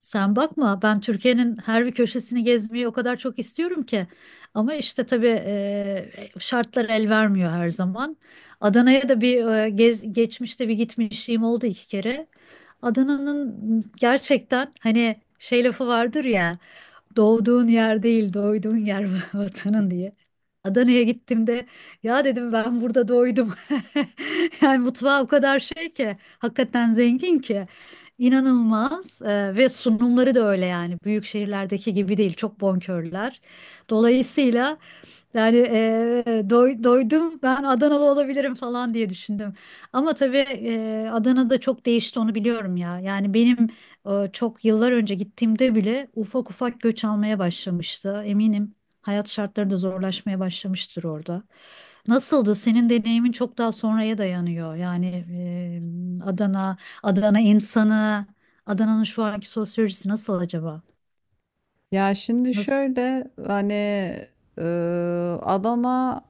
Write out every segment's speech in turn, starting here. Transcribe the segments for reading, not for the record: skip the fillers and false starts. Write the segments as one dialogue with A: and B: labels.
A: Sen bakma, ben Türkiye'nin her bir köşesini gezmeyi o kadar çok istiyorum ki. Ama işte tabii şartlar el vermiyor her zaman. Adana'ya da bir geçmişte bir gitmişliğim oldu, iki kere. Adana'nın gerçekten hani şey lafı vardır ya: doğduğun yer değil, doyduğun yer
B: Hı hı.
A: vatanın diye. Adana'ya gittiğimde ya dedim, ben burada doydum. Yani mutfağı o kadar şey ki, hakikaten zengin ki inanılmaz. Ve sunumları da öyle, yani büyük şehirlerdeki gibi değil, çok bonkörler. Dolayısıyla yani doydum, ben Adanalı olabilirim falan diye düşündüm. Ama tabii Adana'da çok değişti, onu biliyorum ya. Yani benim çok yıllar önce gittiğimde bile ufak ufak göç almaya başlamıştı. Eminim hayat şartları da zorlaşmaya başlamıştır orada. Nasıldı? Senin deneyimin çok daha sonraya dayanıyor. Yani Adana insanı, Adana'nın şu anki sosyolojisi nasıl acaba?
B: Ya şimdi
A: Nasıl?
B: şöyle hani e, Adana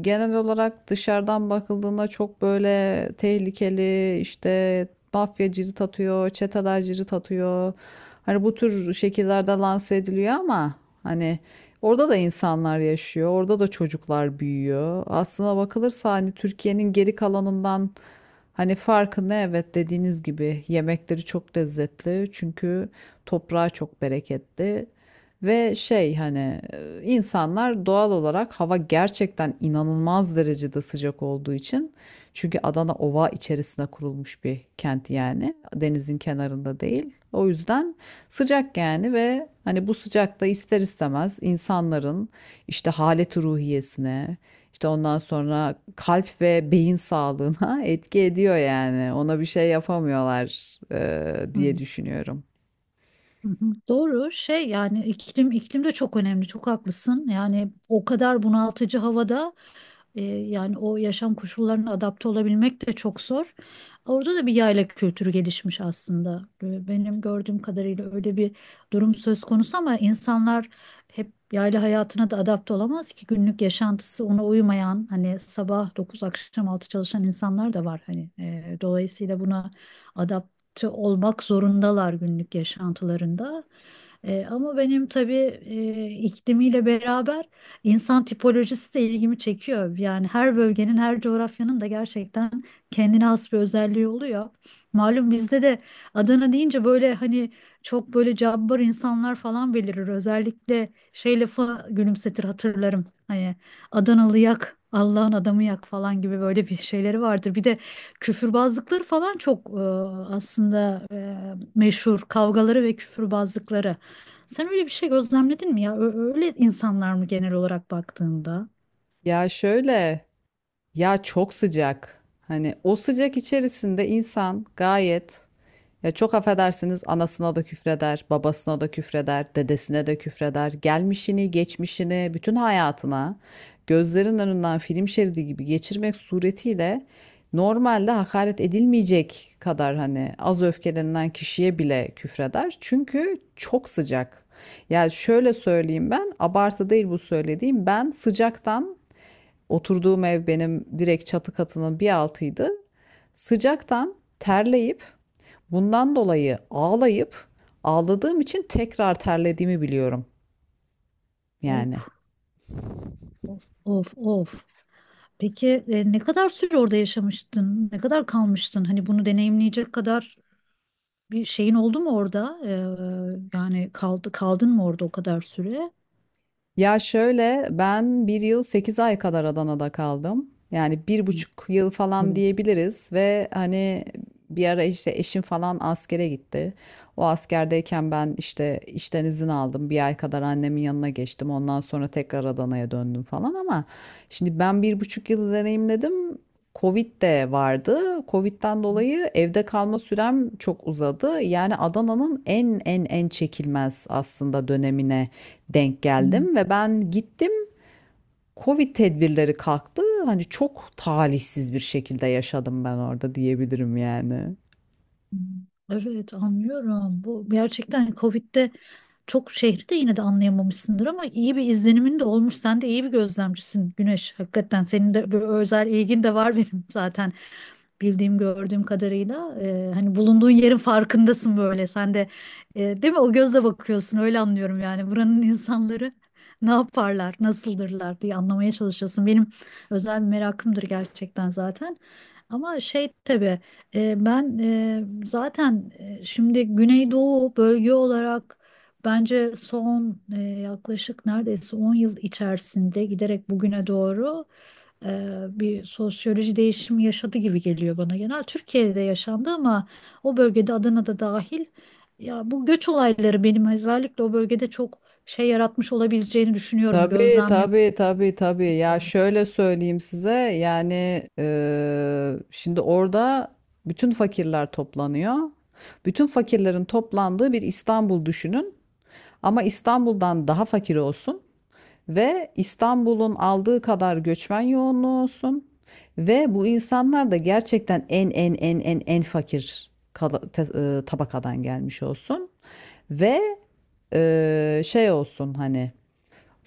B: genel olarak dışarıdan bakıldığında çok böyle tehlikeli işte mafya cirit atıyor, çeteler cirit atıyor. Hani bu tür şekillerde lanse ediliyor ama hani orada da insanlar yaşıyor, orada da çocuklar büyüyor. Aslına bakılırsa hani Türkiye'nin geri kalanından hani farkı ne? Evet dediğiniz gibi yemekleri çok lezzetli çünkü toprağı çok bereketli. Ve şey hani insanlar doğal olarak hava gerçekten inanılmaz derecede sıcak olduğu için çünkü Adana ova içerisine kurulmuş bir kent yani denizin kenarında değil. O yüzden sıcak yani ve hani bu sıcakta ister istemez insanların işte haleti ruhiyesine işte ondan sonra kalp ve beyin sağlığına etki ediyor yani ona bir şey yapamıyorlar diye
A: Hı,
B: düşünüyorum.
A: hı, hı. Doğru şey, yani iklim iklim de çok önemli, çok haklısın, yani o kadar bunaltıcı havada. Yani o yaşam koşullarına adapte olabilmek de çok zor. Orada da bir yayla kültürü gelişmiş aslında. Benim gördüğüm kadarıyla öyle bir durum söz konusu, ama insanlar hep yayla hayatına da adapte olamaz ki, günlük yaşantısı ona uymayan, hani sabah 9 akşam 6 çalışan insanlar da var, hani dolayısıyla buna adapte olmak zorundalar günlük yaşantılarında. Ama benim tabii iklimiyle beraber insan tipolojisi de ilgimi çekiyor. Yani her bölgenin, her coğrafyanın da gerçekten kendine has bir özelliği oluyor. Malum bizde de Adana deyince böyle hani çok böyle cabbar insanlar falan belirir. Özellikle şey lafı gülümsetir, hatırlarım. Hani Adanalı yak, Allah'ın adamı yak falan gibi böyle bir şeyleri vardır. Bir de küfürbazlıkları falan çok, aslında, meşhur kavgaları ve küfürbazlıkları. Sen öyle bir şey gözlemledin mi ya? Öyle insanlar mı genel olarak baktığında?
B: Ya şöyle Ya çok sıcak. Hani o sıcak içerisinde insan gayet ya çok affedersiniz anasına da küfreder, babasına da küfreder, dedesine de küfreder. Gelmişini, geçmişini, bütün hayatına gözlerin önünden film şeridi gibi geçirmek suretiyle normalde hakaret edilmeyecek kadar hani az öfkelenilen kişiye bile küfreder. Çünkü çok sıcak. Ya şöyle söyleyeyim ben, abartı değil bu söylediğim. Ben sıcaktan Oturduğum ev benim direkt çatı katının bir altıydı. Sıcaktan terleyip bundan dolayı ağlayıp ağladığım için tekrar terlediğimi biliyorum yani.
A: Of, of, of. Peki ne kadar süre orada yaşamıştın? Ne kadar kalmıştın? Hani bunu deneyimleyecek kadar bir şeyin oldu mu orada? Yani kaldın mı orada o kadar süre?
B: Ya şöyle ben bir yıl 8 ay kadar Adana'da kaldım. Yani bir
A: Hı,
B: buçuk yıl falan
A: evet.
B: diyebiliriz ve hani bir ara işte eşim falan askere gitti. O askerdeyken ben işte işten izin aldım. Bir ay kadar annemin yanına geçtim. Ondan sonra tekrar Adana'ya döndüm falan ama şimdi ben bir buçuk yıl deneyimledim. Covid de vardı. Covid'den dolayı evde kalma sürem çok uzadı. Yani Adana'nın en en en çekilmez aslında dönemine denk
A: Hı,
B: geldim ve ben gittim. Covid tedbirleri kalktı. Hani çok talihsiz bir şekilde yaşadım ben orada diyebilirim yani.
A: hı. Evet, anlıyorum. Bu gerçekten hani Covid'de çok şehri de yine de anlayamamışsındır, ama iyi bir izlenimin de olmuş. Sen de iyi bir gözlemcisin, Güneş. Hakikaten senin de böyle özel ilgin de var, benim zaten bildiğim gördüğüm kadarıyla, hani bulunduğun yerin farkındasın, böyle sen de, değil mi, o gözle bakıyorsun, öyle anlıyorum yani buranın insanları ne yaparlar nasıldırlar diye anlamaya çalışıyorsun, benim özel bir merakımdır gerçekten zaten. Ama şey tabii ben zaten şimdi Güneydoğu bölge olarak. Bence son yaklaşık neredeyse 10 yıl içerisinde giderek bugüne doğru bir sosyoloji değişimi yaşadı gibi geliyor bana. Genel Türkiye'de yaşandı, ama o bölgede, Adana'da dahil, ya bu göç olayları benim özellikle o bölgede çok şey yaratmış olabileceğini düşünüyorum,
B: Tabii
A: gözlemliyorum.
B: tabii tabii tabii. Ya şöyle söyleyeyim size yani şimdi orada bütün fakirler toplanıyor. Bütün fakirlerin toplandığı bir İstanbul düşünün. Ama İstanbul'dan daha fakir olsun. Ve İstanbul'un aldığı kadar göçmen yoğunluğu olsun. Ve bu insanlar da gerçekten en en en en en fakir tabakadan gelmiş olsun. Ve şey olsun hani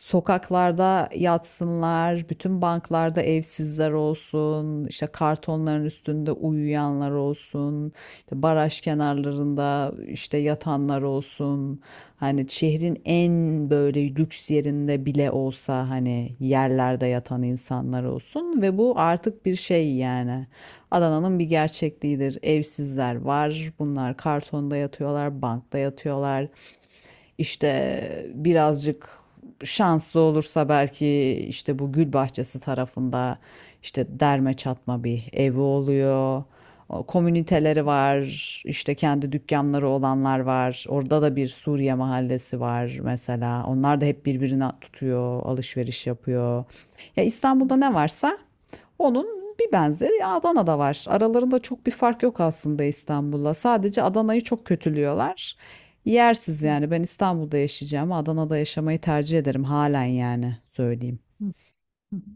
B: Sokaklarda yatsınlar, bütün banklarda evsizler olsun, işte kartonların üstünde uyuyanlar olsun, işte baraj kenarlarında işte yatanlar olsun. Hani şehrin en böyle lüks yerinde bile olsa hani yerlerde yatan insanlar olsun ve bu artık bir şey yani. Adana'nın bir gerçekliğidir. Evsizler var. Bunlar kartonda yatıyorlar, bankta yatıyorlar. İşte birazcık şanslı olursa belki işte bu gül bahçesi tarafında işte derme çatma bir evi oluyor. Komüniteleri var, işte kendi dükkanları olanlar var. Orada da bir Suriye mahallesi var mesela. Onlar da hep birbirini tutuyor, alışveriş yapıyor. Ya İstanbul'da ne varsa onun bir benzeri Adana'da var. Aralarında çok bir fark yok aslında İstanbul'la. Sadece Adana'yı çok kötülüyorlar. Yersiz yani. Ben İstanbul'da yaşayacağım. Adana'da yaşamayı tercih ederim halen yani söyleyeyim.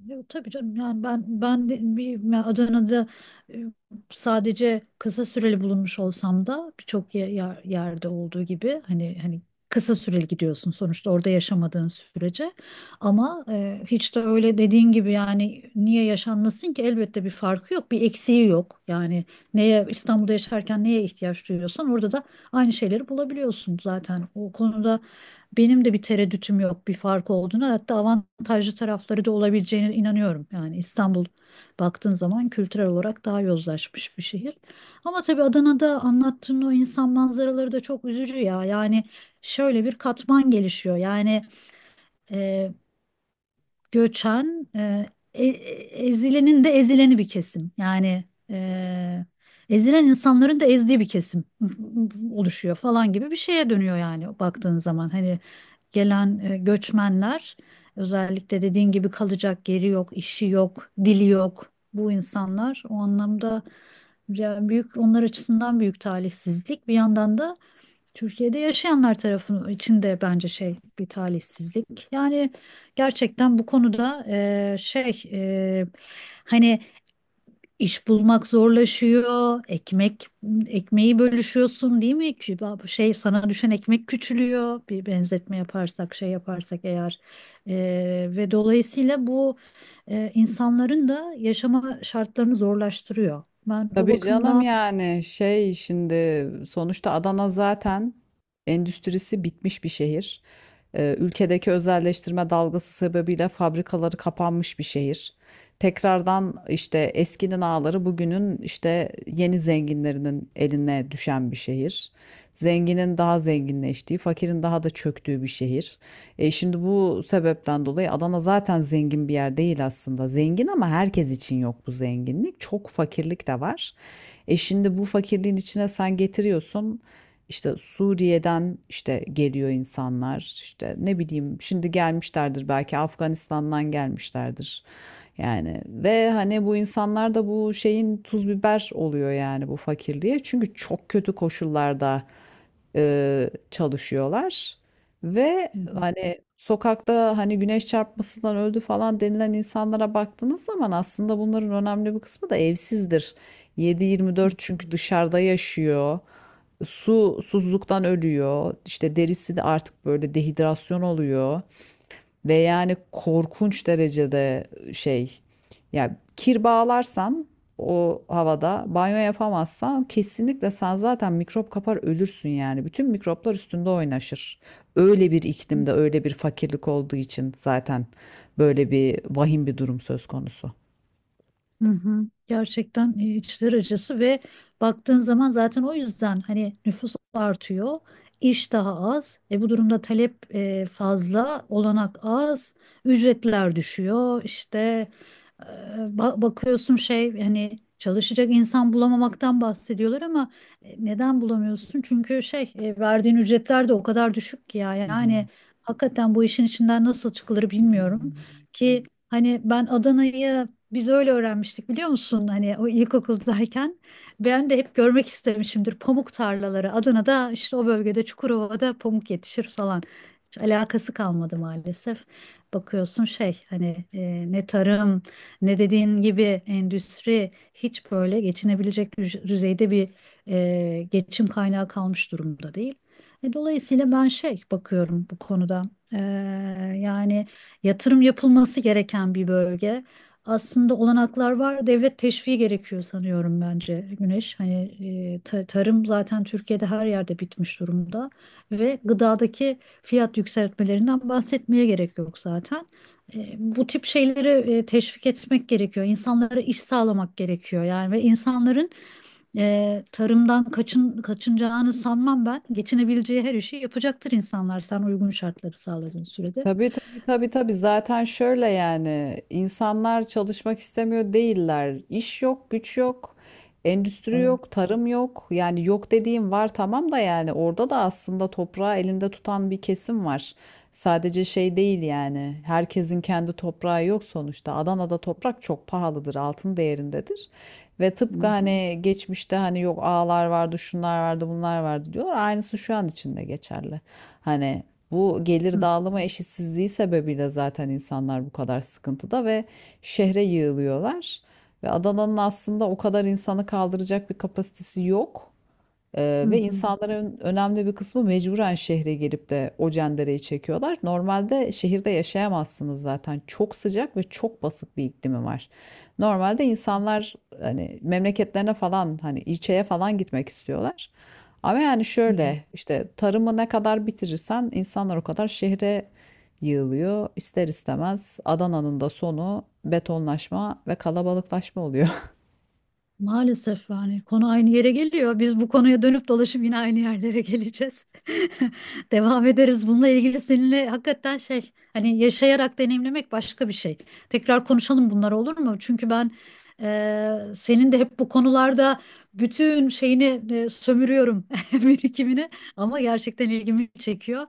A: Yok, tabii canım, yani ben de bir ya Adana'da e, sadece kısa süreli bulunmuş olsam da, birçok yerde olduğu gibi, hani kısa süreli gidiyorsun sonuçta orada yaşamadığın sürece, ama hiç de öyle dediğin gibi, yani niye yaşanmasın ki, elbette bir farkı yok, bir eksiği yok, yani neye İstanbul'da yaşarken neye ihtiyaç duyuyorsan orada da aynı şeyleri bulabiliyorsun, zaten o konuda benim de bir tereddütüm yok bir fark olduğuna, hatta avantajlı tarafları da olabileceğine inanıyorum. Yani İstanbul, baktığın zaman, kültürel olarak daha yozlaşmış bir şehir. Ama tabii Adana'da anlattığın o insan manzaraları da çok üzücü ya. Yani şöyle bir katman gelişiyor. Yani e, göçen, e- ezilenin de ezileni bir kesim. Yani e, ezilen insanların da ezdiği bir kesim oluşuyor falan gibi bir şeye dönüyor yani baktığın zaman. Hani gelen göçmenler, özellikle dediğin gibi kalacak yeri yok, işi yok, dili yok, bu insanlar o anlamda, ya büyük, onlar açısından büyük talihsizlik. Bir yandan da Türkiye'de yaşayanlar tarafının içinde bence şey bir talihsizlik. Yani gerçekten bu konuda şey hani İş bulmak zorlaşıyor. Ekmeği bölüşüyorsun değil mi? Ki şey, sana düşen ekmek küçülüyor. Bir benzetme yaparsak şey yaparsak eğer. Ve dolayısıyla bu insanların da yaşama şartlarını zorlaştırıyor. Ben o
B: Tabii canım
A: bakımdan.
B: yani şey şimdi sonuçta Adana zaten endüstrisi bitmiş bir şehir. Ülkedeki özelleştirme dalgası sebebiyle fabrikaları kapanmış bir şehir. Tekrardan işte eskinin ağları bugünün işte yeni zenginlerinin eline düşen bir şehir. Zenginin daha zenginleştiği, fakirin daha da çöktüğü bir şehir. Şimdi bu sebepten dolayı Adana zaten zengin bir yer değil aslında. Zengin ama herkes için yok bu zenginlik. Çok fakirlik de var. Şimdi bu fakirliğin içine sen getiriyorsun. İşte Suriye'den işte geliyor insanlar. İşte ne bileyim şimdi gelmişlerdir belki Afganistan'dan gelmişlerdir. Yani ve hani bu insanlar da bu şeyin tuz biber oluyor yani bu fakirliğe. Çünkü çok kötü koşullarda çalışıyorlar. Ve hani sokakta hani güneş çarpmasından öldü falan denilen insanlara baktığınız zaman aslında bunların önemli bir kısmı da evsizdir. 7-24 çünkü dışarıda yaşıyor. Susuzluktan ölüyor. İşte derisi de artık böyle dehidrasyon oluyor. Ve yani korkunç derecede şey yani kir bağlarsan o havada banyo yapamazsan kesinlikle sen zaten mikrop kapar ölürsün yani. Bütün mikroplar üstünde oynaşır. Öyle bir iklimde öyle bir fakirlik olduğu için zaten böyle bir vahim bir durum söz konusu.
A: Hı hı. Gerçekten içler acısı ve baktığın zaman zaten o yüzden hani nüfus artıyor, iş daha az. Bu durumda talep fazla, olanak az, ücretler düşüyor. İşte e, bakıyorsun şey hani çalışacak insan bulamamaktan bahsediyorlar, ama neden bulamıyorsun? Çünkü şey verdiğin ücretler de o kadar düşük ki ya,
B: Hı hı.
A: yani hakikaten bu işin içinden nasıl çıkılır
B: Hı hı.
A: bilmiyorum ki. Hani ben Adana'yı biz öyle öğrenmiştik biliyor musun? Hani o ilkokuldayken ben de hep görmek istemişimdir pamuk tarlaları. Adana'da işte o bölgede Çukurova'da pamuk yetişir falan. Hiç alakası kalmadı maalesef. Bakıyorsun şey hani ne tarım ne dediğin gibi endüstri, hiç böyle geçinebilecek düzeyde bir geçim kaynağı kalmış durumda değil. Dolayısıyla ben şey bakıyorum bu konuda. E, Yani yatırım yapılması gereken bir bölge, aslında olanaklar var. Devlet teşviği gerekiyor sanıyorum, bence Güneş. Hani tarım zaten Türkiye'de her yerde bitmiş durumda ve gıdadaki fiyat yükseltmelerinden bahsetmeye gerek yok zaten. Bu tip şeyleri teşvik etmek gerekiyor. İnsanlara iş sağlamak gerekiyor. Yani ve insanların tarımdan kaçınacağını sanmam ben. Geçinebileceği her işi yapacaktır insanlar, sen uygun şartları sağladığın sürede.
B: Tabii tabii tabii tabii zaten şöyle yani insanlar çalışmak istemiyor değiller. İş yok, güç yok, endüstri
A: Evet.
B: yok, tarım yok. Yani yok dediğim var tamam da yani orada da aslında toprağı elinde tutan bir kesim var. Sadece şey değil yani herkesin kendi toprağı yok sonuçta. Adana'da toprak çok pahalıdır, altın değerindedir. Ve
A: Hı
B: tıpkı
A: hı.
B: hani geçmişte hani yok ağalar vardı, şunlar vardı, bunlar vardı diyor. Aynısı şu an için de geçerli. Hani bu gelir dağılımı eşitsizliği sebebiyle zaten insanlar bu kadar sıkıntıda ve şehre yığılıyorlar. Ve Adana'nın aslında o kadar insanı kaldıracak bir kapasitesi yok. Ve
A: Hı hı.
B: insanların önemli bir kısmı mecburen şehre gelip de o cendereyi çekiyorlar. Normalde şehirde yaşayamazsınız zaten. Çok sıcak ve çok basık bir iklimi var. Normalde insanlar hani memleketlerine falan hani ilçeye falan gitmek istiyorlar. Ama yani
A: Hı hı.
B: şöyle işte tarımı ne kadar bitirirsen insanlar o kadar şehre yığılıyor. İster istemez Adana'nın da sonu betonlaşma ve kalabalıklaşma oluyor.
A: Maalesef yani konu aynı yere geliyor. Biz bu konuya dönüp dolaşıp yine aynı yerlere geleceğiz. Devam ederiz. Bununla ilgili seninle hakikaten şey hani yaşayarak deneyimlemek başka bir şey. Tekrar konuşalım bunlar, olur mu? Çünkü ben senin de hep bu konularda bütün şeyini sömürüyorum birikimini, ama gerçekten ilgimi çekiyor.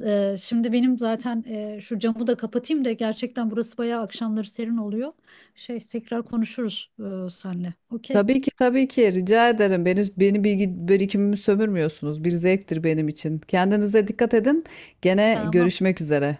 A: Şimdi benim zaten şu camı da kapatayım da, gerçekten burası bayağı akşamları serin oluyor. Şey, tekrar konuşuruz senle. Okey.
B: Tabii ki tabii ki rica ederim. Beni, bilgi birikimimi sömürmüyorsunuz. Bir zevktir benim için. Kendinize dikkat edin. Gene
A: Ama
B: görüşmek üzere.